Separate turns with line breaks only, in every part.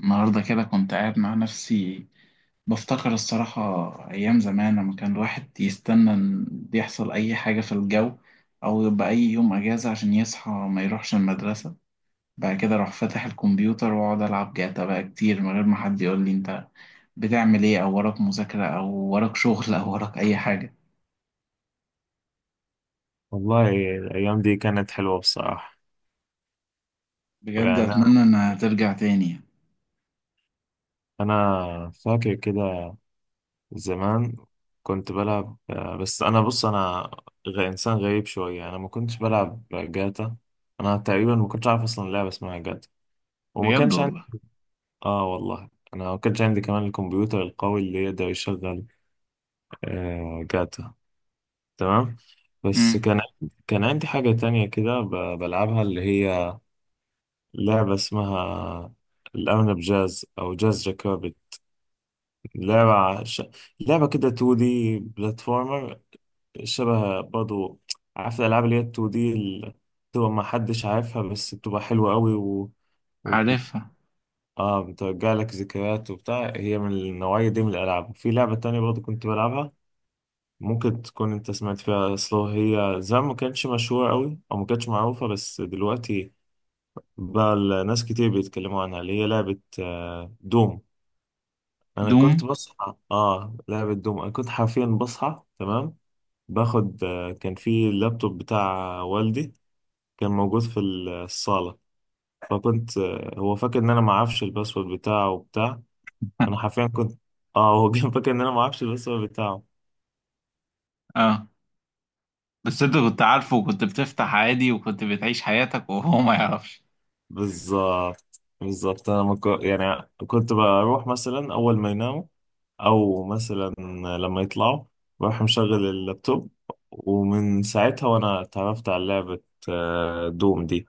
النهاردة كده كنت قاعد مع نفسي بفتكر الصراحة أيام زمان لما كان الواحد يستنى إن يحصل أي حاجة في الجو، أو يبقى أي يوم أجازة عشان يصحى ما يروحش المدرسة. بعد كده أروح فاتح الكمبيوتر وأقعد ألعب جاتا بقى كتير من غير ما حد يقول لي أنت بتعمل إيه، أو وراك مذاكرة أو وراك شغل أو وراك أي حاجة.
والله، الأيام دي كانت حلوة بصراحة.
بجد
يعني
أتمنى إنها ترجع تاني يعني.
أنا فاكر كده زمان كنت بلعب بس أنا بص أنا إنسان غريب شوية. أنا ما كنتش بلعب جاتا. أنا تقريبا ما كنتش عارف أصلا لعبة اسمها جاتا وما
بجد
كانش عندي.
والله.
آه والله، أنا ما كانش عندي كمان الكمبيوتر القوي اللي يقدر يشغل جاتا. تمام، بس
امم
كان كان عندي حاجة تانية كده بلعبها، اللي هي لعبة اسمها الأرنب جاز أو جاز جاكوبيت. لعبة لعبة كده 2D، بلاتفورمر، شبه برضو. عارف الألعاب اللي هي 2D اللي بتبقى ما حدش عارفها بس بتبقى حلوة قوي وبت...
عارفها.
آه، بترجع لك ذكريات وبتاع. هي من النوعية دي من الألعاب. في لعبة تانية برضو كنت بلعبها، ممكن تكون أنت سمعت فيها سلو، هي زمان ما كانتش مشهورة قوي أو ما كانتش معروفة بس دلوقتي بقى الناس كتير بيتكلموا عنها، اللي هي لعبة دوم. انا كنت
دوم.
بصحى، اه لعبة دوم انا كنت حرفيا بصحى تمام باخد. كان في اللابتوب بتاع والدي، كان موجود في الصالة. فكنت هو فاكر ان انا ما اعرفش الباسورد بتاعه وبتاع. انا حرفيا كنت، اه هو كان فاكر ان انا ما اعرفش الباسورد بتاعه.
آه، بس انت كنت عارفه وكنت بتفتح عادي وكنت بتعيش حياتك وهو ما يعرفش.
بالظبط بالظبط، انا ما كو- يعني كنت بروح مثلا اول ما يناموا او مثلا لما يطلعوا بروح مشغل اللابتوب. ومن ساعتها وانا اتعرفت على لعبة دوم دي.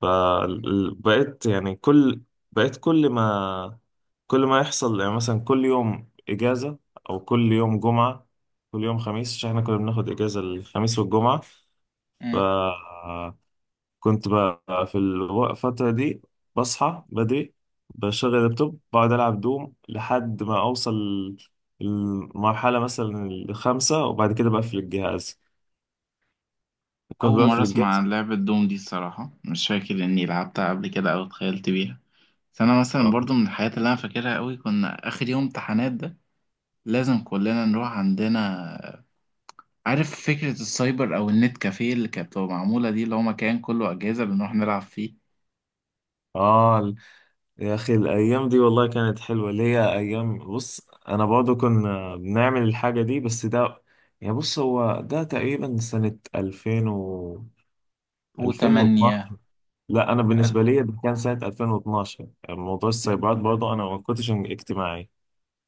فبقيت يعني كل، بقيت كل ما كل ما يحصل يعني مثلا كل يوم إجازة أو كل يوم جمعة كل يوم خميس، عشان احنا كنا بناخد إجازة الخميس والجمعة.
مم.
فكنت بقى في الفترة دي بصحى بدري، بشغل اللابتوب، بقعد ألعب دوم لحد ما أوصل المرحلة مثلا الخامسة وبعد كده بقفل الجهاز. كنت
اول مره
بقفل
اسمع
الجهاز
عن لعبه دوم دي الصراحه، مش فاكر اني لعبتها قبل كده او اتخيلت بيها. بس انا مثلا
اه
برضو من الحاجات اللي انا فاكرها قوي، كنا اخر يوم امتحانات ده لازم كلنا نروح عندنا. عارف فكره السايبر او النت كافيه اللي كانت بتبقى معموله دي، اللي هو مكان كله اجهزه بنروح نلعب فيه.
آه. يا أخي الأيام دي والله كانت حلوة، اللي هي أيام بص أنا برضه كنا بنعمل الحاجة دي، بس ده يعني بص هو ده تقريبا سنة 2000 و
وتمانية.
2012. لا أنا
الف.
بالنسبة لي ده كان سنة 2012. موضوع السايبرات برضه أنا ما كنتش اجتماعي.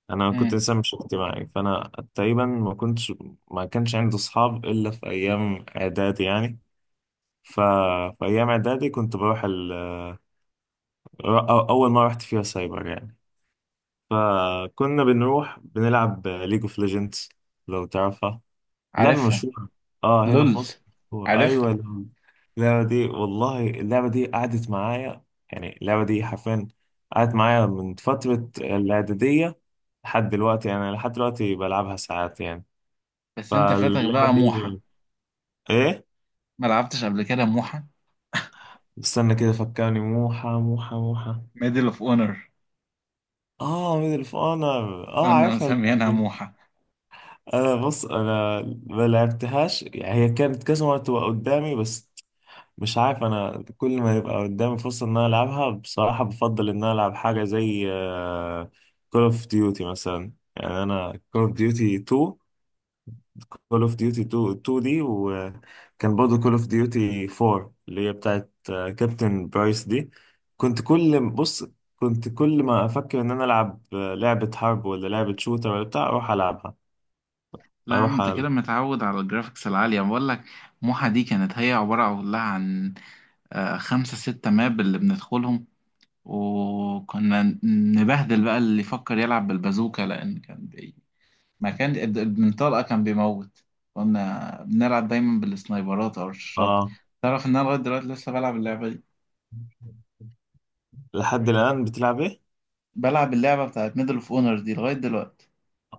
أنا كنت
مم.
إنسان مش اجتماعي، فأنا تقريبا ما كنتش ما كانش عندي أصحاب إلا في أيام إعدادي يعني. ف... في أيام إعدادي كنت بروح أول مرة رحت فيها سايبر يعني، فكنا بنروح بنلعب ليج اوف ليجندز، لو تعرفها. لعبة
عارفها.
مشهورة اه هنا في
لول.
مصر. مشهورة.
عارفها.
ايوه، اللعبة دي والله اللعبة دي قعدت معايا، يعني اللعبة دي حرفيا قعدت معايا من فترة الإعدادية لحد دلوقتي، يعني لحد دلوقتي بلعبها ساعات يعني.
بس انت فاتك
فاللعبة
بقى موحة،
دي، ايه،
ما لعبتش قبل كده موحة.
استنى كده فكرني، موحى موحى موحى،
ميدل اوف اونر،
اه ميدل اوف اونر، اه
كنا
عارفها اللعبة
مسميينها
دي.
موحة.
انا بص انا ما لعبتهاش يعني، هي كانت كذا مرة تبقى قدامي بس مش عارف، انا كل ما يبقى قدامي فرصة ان انا العبها بصراحة بفضل ان انا العب حاجة زي كول اوف ديوتي مثلا. يعني انا كول اوف ديوتي 2، كول اوف ديوتي 2 دي، وكان برضه كول اوف ديوتي 4 اللي هي بتاعت كابتن برايس دي. كنت كل بص، كنت كل ما افكر ان انا العب لعبة حرب ولا لعبة شوتر ولا بتاع اروح العبها
لا يا عم،
اروح
انت
ألعب.
كده متعود على الجرافيكس العالية بقول لك. موحة دي كانت هي عبارة كلها عن خمسة ستة ماب اللي بندخلهم. وكنا نبهدل بقى اللي يفكر يلعب بالبازوكا، لأن كان ما كان البنطلقة كان بيموت. كنا بنلعب دايما بالسنايبرات أو الرشاشات.
آه.
تعرف إن أنا لغاية دلوقتي لسه بلعب اللعبة دي.
لحد الآن بتلعب إيه؟
بلعب اللعبة بتاعت ميدل اوف اونر دي لغاية دلوقتي.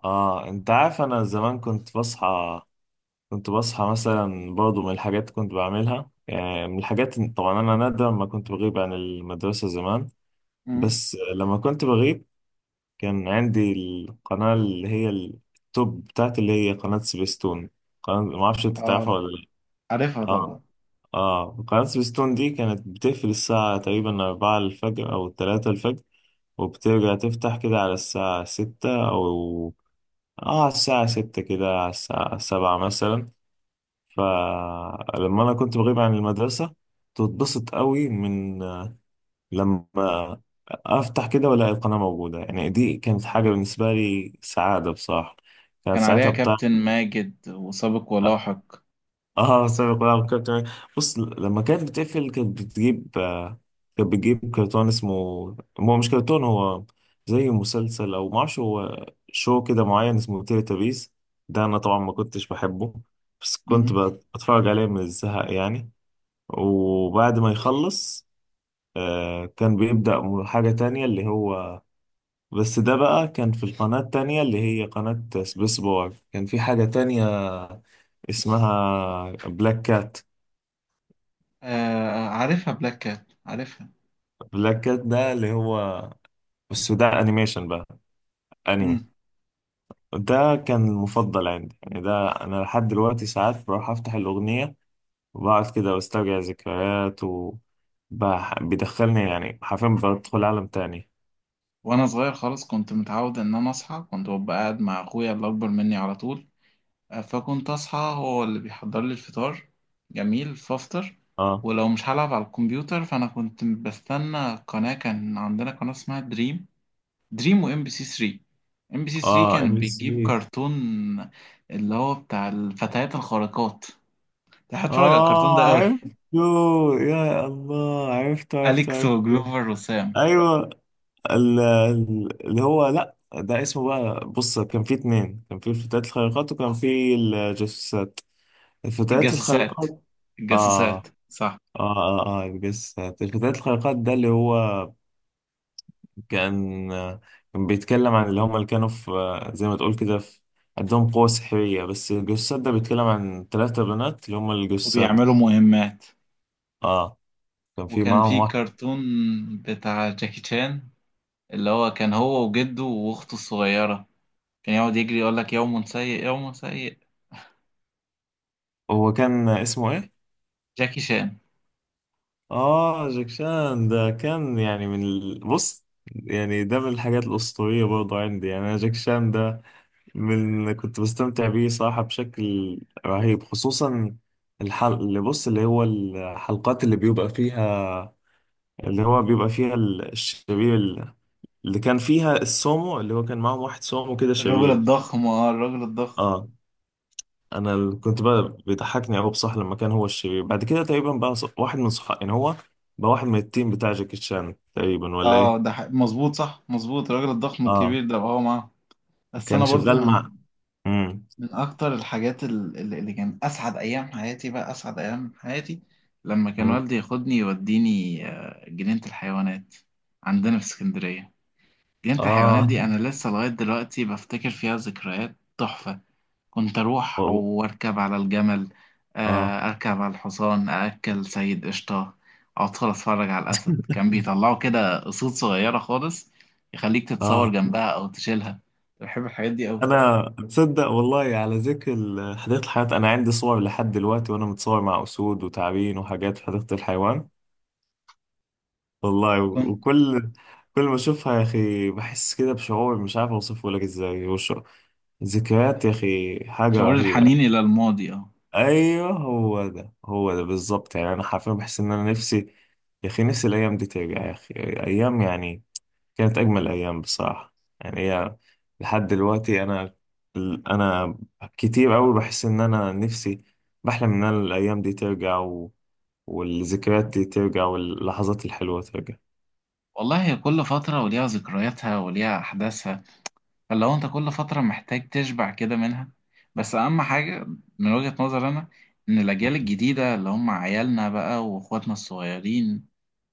آه أنت عارف أنا زمان كنت بصحى، كنت بصحى مثلا برضه من الحاجات كنت بعملها، يعني من الحاجات طبعا أنا نادرا ما كنت بغيب عن المدرسة زمان،
مم.
بس لما كنت بغيب كان عندي القناة اللي هي التوب بتاعتي اللي هي قناة سبيستون. قناة ما أعرفش أنت تعرفها
اه
ولا لأ.
عارفها
آه،
طبعا.
آه قناة سبيستون دي كانت بتقفل الساعة تقريبا أربعة الفجر أو تلاتة الفجر، وبترجع تفتح كده على الساعة ستة أو، اه على الساعة ستة كده على الساعة سبعة مثلا. فلما أنا كنت بغيب عن المدرسة تتبسط قوي من لما أفتح كده وألاقي القناة موجودة، يعني دي كانت حاجة بالنسبة لي سعادة بصراحة. كانت
كان عليها
ساعتها بتاع،
كابتن ماجد وسابق ولاحق.
اه سابق ولعب كابتن. بص لما كانت بتقفل كانت بتجيب كانت بتجيب كرتون اسمه، هو مش كرتون هو زي مسلسل او ما اعرفش هو شو كده معين اسمه تيلي. ده انا طبعا ما كنتش بحبه بس كنت
مم.
بتفرج عليه من الزهق يعني. وبعد ما يخلص كان بيبدأ حاجة تانية اللي هو، بس ده بقى كان في القناة التانية اللي هي قناة سبيس بار، كان في حاجة تانية اسمها بلاك كات.
آه عارفها، بلاك كات عارفها.
بلاك كات ده اللي هو، بس ده انيميشن بقى، انمي.
مم.
ده كان المفضل عندي، يعني ده انا لحد دلوقتي ساعات بروح افتح الاغنيه وبقعد كده واسترجع ذكريات و بيدخلني، يعني حرفيا بدخل عالم تاني.
وانا صغير خالص كنت متعود ان انا اصحى، كنت ببقى قاعد مع اخويا اللي اكبر مني على طول. فكنت اصحى هو اللي بيحضر لي الفطار جميل فافطر.
اه،
ولو مش هلعب على الكمبيوتر، فانا كنت بستنى قناة. كان عندنا قناة اسمها دريم. دريم وام بي سي 3. ام بي سي 3
اه ام
كانت بتجيب
سي.
كرتون اللي هو بتاع الفتيات الخارقات. كنت هتفرج على الكرتون
اه
ده قوي.
عرفته، يا الله عرفته عرفته
أليكس
عرفته.
وجلوفر وسام.
ايوه اللي هو، لا ده اسمه بقى، بص كان في اتنين، كان في الفتيات الخارقات وكان في الجاسوسات. الفتيات
الجاسوسات.
الخارقات، آه
الجاسوسات صح.
آه آه آه يعني، بس الفتيات الخارقات ده اللي هو كان كان بيتكلم عن اللي هم اللي كانوا في، زي ما تقول كده في عندهم قوة سحرية، بس الجثات ده بيتكلم عن ثلاثة بنات اللي هم الجثات.
وبيعملوا مهمات.
آه. كان في
وكان
معاهم
في
واحد.
كرتون بتاع جاكي شان، اللي هو كان هو وجده واخته الصغيرة. كان يقعد يجري يقول لك يوم سيء يوم سيء.
هو كان اسمه إيه؟
جاكي شان.
آه جاكشان ده كان يعني من بص يعني ده من الحاجات الأسطورية برضه عندي، يعني أنا جاكشان ده من اللي كنت بستمتع بيه صراحة بشكل رهيب، خصوصا الحل اللي بص اللي هو الحلقات اللي بيبقى فيها اللي هو بيبقى فيها الشرير، اللي كان فيها السومو اللي هو كان معاهم واحد سومو كده
الراجل
شرير.
الضخم، اه الراجل الضخم.
اه، انا كنت بقى بيضحكني قوي بصح لما كان هو الشرير بعد كده تقريبا بقى واحد من صحابي، يعني هو بقى واحد من التيم بتاع جاكي شان تقريبا ولا
اه
ايه.
ده مظبوط، صح مظبوط، الراجل الضخم
اه
الكبير ده هو معاه. بس
كان
انا برضو
شغال
من
مع. امم.
أكتر الحاجات اللي كان أسعد أيام حياتي، بقى أسعد أيام حياتي لما كان والدي ياخدني يوديني جنينة الحيوانات عندنا في اسكندرية. جنينة الحيوانات
اه
دي أنا لسه لغاية دلوقتي بفتكر فيها ذكريات تحفة. كنت أروح
والله.
وأركب على الجمل،
اه.
أركب على الحصان، أأكل سيد قشطة، أدخل أتفرج على الأسد. كان بيطلعوا كده قصود صغيرة خالص يخليك تتصور
اه
جنبها أو تشيلها. بحب الحاجات دي
انا تصدق والله، على ذكر حديقة الحيوان، انا عندي صور لحد دلوقتي وانا متصور مع اسود وتعابين وحاجات في حديقة الحيوان والله،
أوي.
وكل كل ما اشوفها يا اخي بحس كده بشعور مش عارف اوصفه لك ازاي وش. ذكريات يا اخي حاجة
شعور
رهيبة
الحنين
يعني.
إلى الماضي اه.
ايوه هو ده هو ده بالظبط، يعني انا حرفيا بحس ان انا نفسي يا اخي، نفسي الايام دي ترجع يا اخي. ايام يعني كانت أجمل أيام بصراحة. يعني هي لحد دلوقتي أنا أنا كتير أوي بحس إن أنا نفسي، بحلم إن أنا الأيام دي ترجع والذكريات دي ترجع واللحظات الحلوة ترجع.
والله هي كل فترة وليها ذكرياتها وليها أحداثها، فاللي هو أنت كل فترة محتاج تشبع كده منها. بس أهم حاجة من وجهة نظري أنا، إن الأجيال الجديدة اللي هم عيالنا بقى وإخواتنا الصغيرين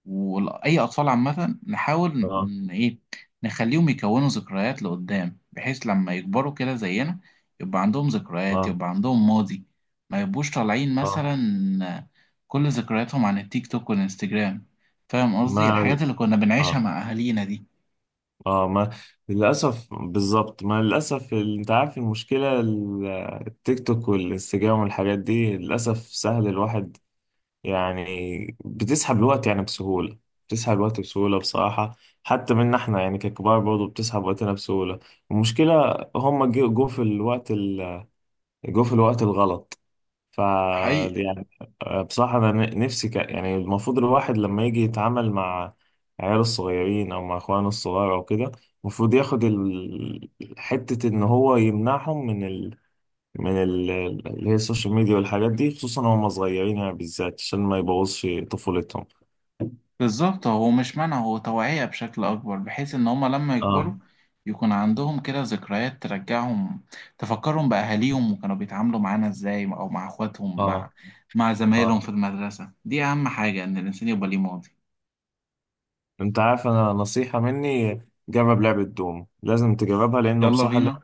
واي اطفال عامه، نحاول
آه.
ان ايه، نخليهم يكونوا ذكريات لقدام، بحيث لما يكبروا كده زينا يبقى عندهم ذكريات،
آه
يبقى عندهم ماضي. ما يبقوش طالعين
آه
مثلا كل ذكرياتهم عن التيك توك والانستجرام. فاهم قصدي،
ما،
الحاجات اللي كنا بنعيشها
آه
مع اهالينا دي.
آه ما للأسف. بالظبط، ما للأسف أنت عارف المشكلة التيك توك والإنستجرام والحاجات دي للأسف سهل الواحد، يعني بتسحب الوقت يعني بسهولة. بتسحب الوقت بسهولة بصراحة، حتى منا احنا يعني ككبار برضه بتسحب وقتنا بسهولة. المشكلة هم جو في الوقت جو في الوقت الغلط. ف،
حقيقي.
يعني بصراحة أنا نفسي يعني المفروض الواحد لما يجي يتعامل مع عياله الصغيرين أو مع إخوانه الصغار أو كده المفروض ياخد حتة إن هو يمنعهم من من اللي هي السوشيال ميديا والحاجات دي، خصوصا وهم صغيرين يعني بالذات عشان ما يبوظش طفولتهم.
بالظبط، هو مش منع، هو توعية بشكل أكبر، بحيث إن هما لما
اه.
يكبروا يكون عندهم كده ذكريات ترجعهم، تفكرهم بأهاليهم وكانوا بيتعاملوا معانا إزاي، أو مع إخواتهم، مع
اه.
زمايلهم
اه
في المدرسة. دي أهم حاجة، إن الإنسان يبقى ليه ماضي.
انت عارف انا نصيحة مني، جرب لعبة دوم لازم تجربها لانه
يلا
بصراحة اللعبة.
بينا،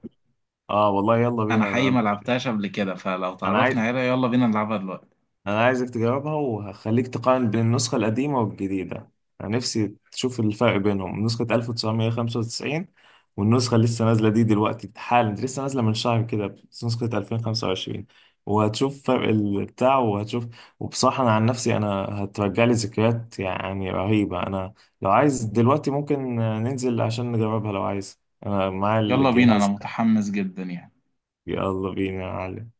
اه والله يلا
أنا
بينا،
حقيقي
انا
ما لعبتهاش قبل كده، فلو
انا
تعرفنا
عايز،
عليها يلا بينا نلعبها دلوقتي.
انا عايزك تجربها وهخليك تقارن بين النسخة القديمة والجديدة. انا نفسي تشوف الفرق بينهم، نسخة 1995 والنسخة اللي لسه نازلة دي دلوقتي حالا، دي لسه نازلة من شهر كده، نسخة 2025. وهتشوف فرق البتاع وهتشوف، وبصراحة أنا عن نفسي أنا هترجع لي ذكريات يعني رهيبة. أنا لو عايز دلوقتي ممكن ننزل عشان نجربها لو عايز، أنا معايا
يلا بينا، أنا
الجهاز ده.
متحمس جدا يعني.
يلا بينا يا معلم.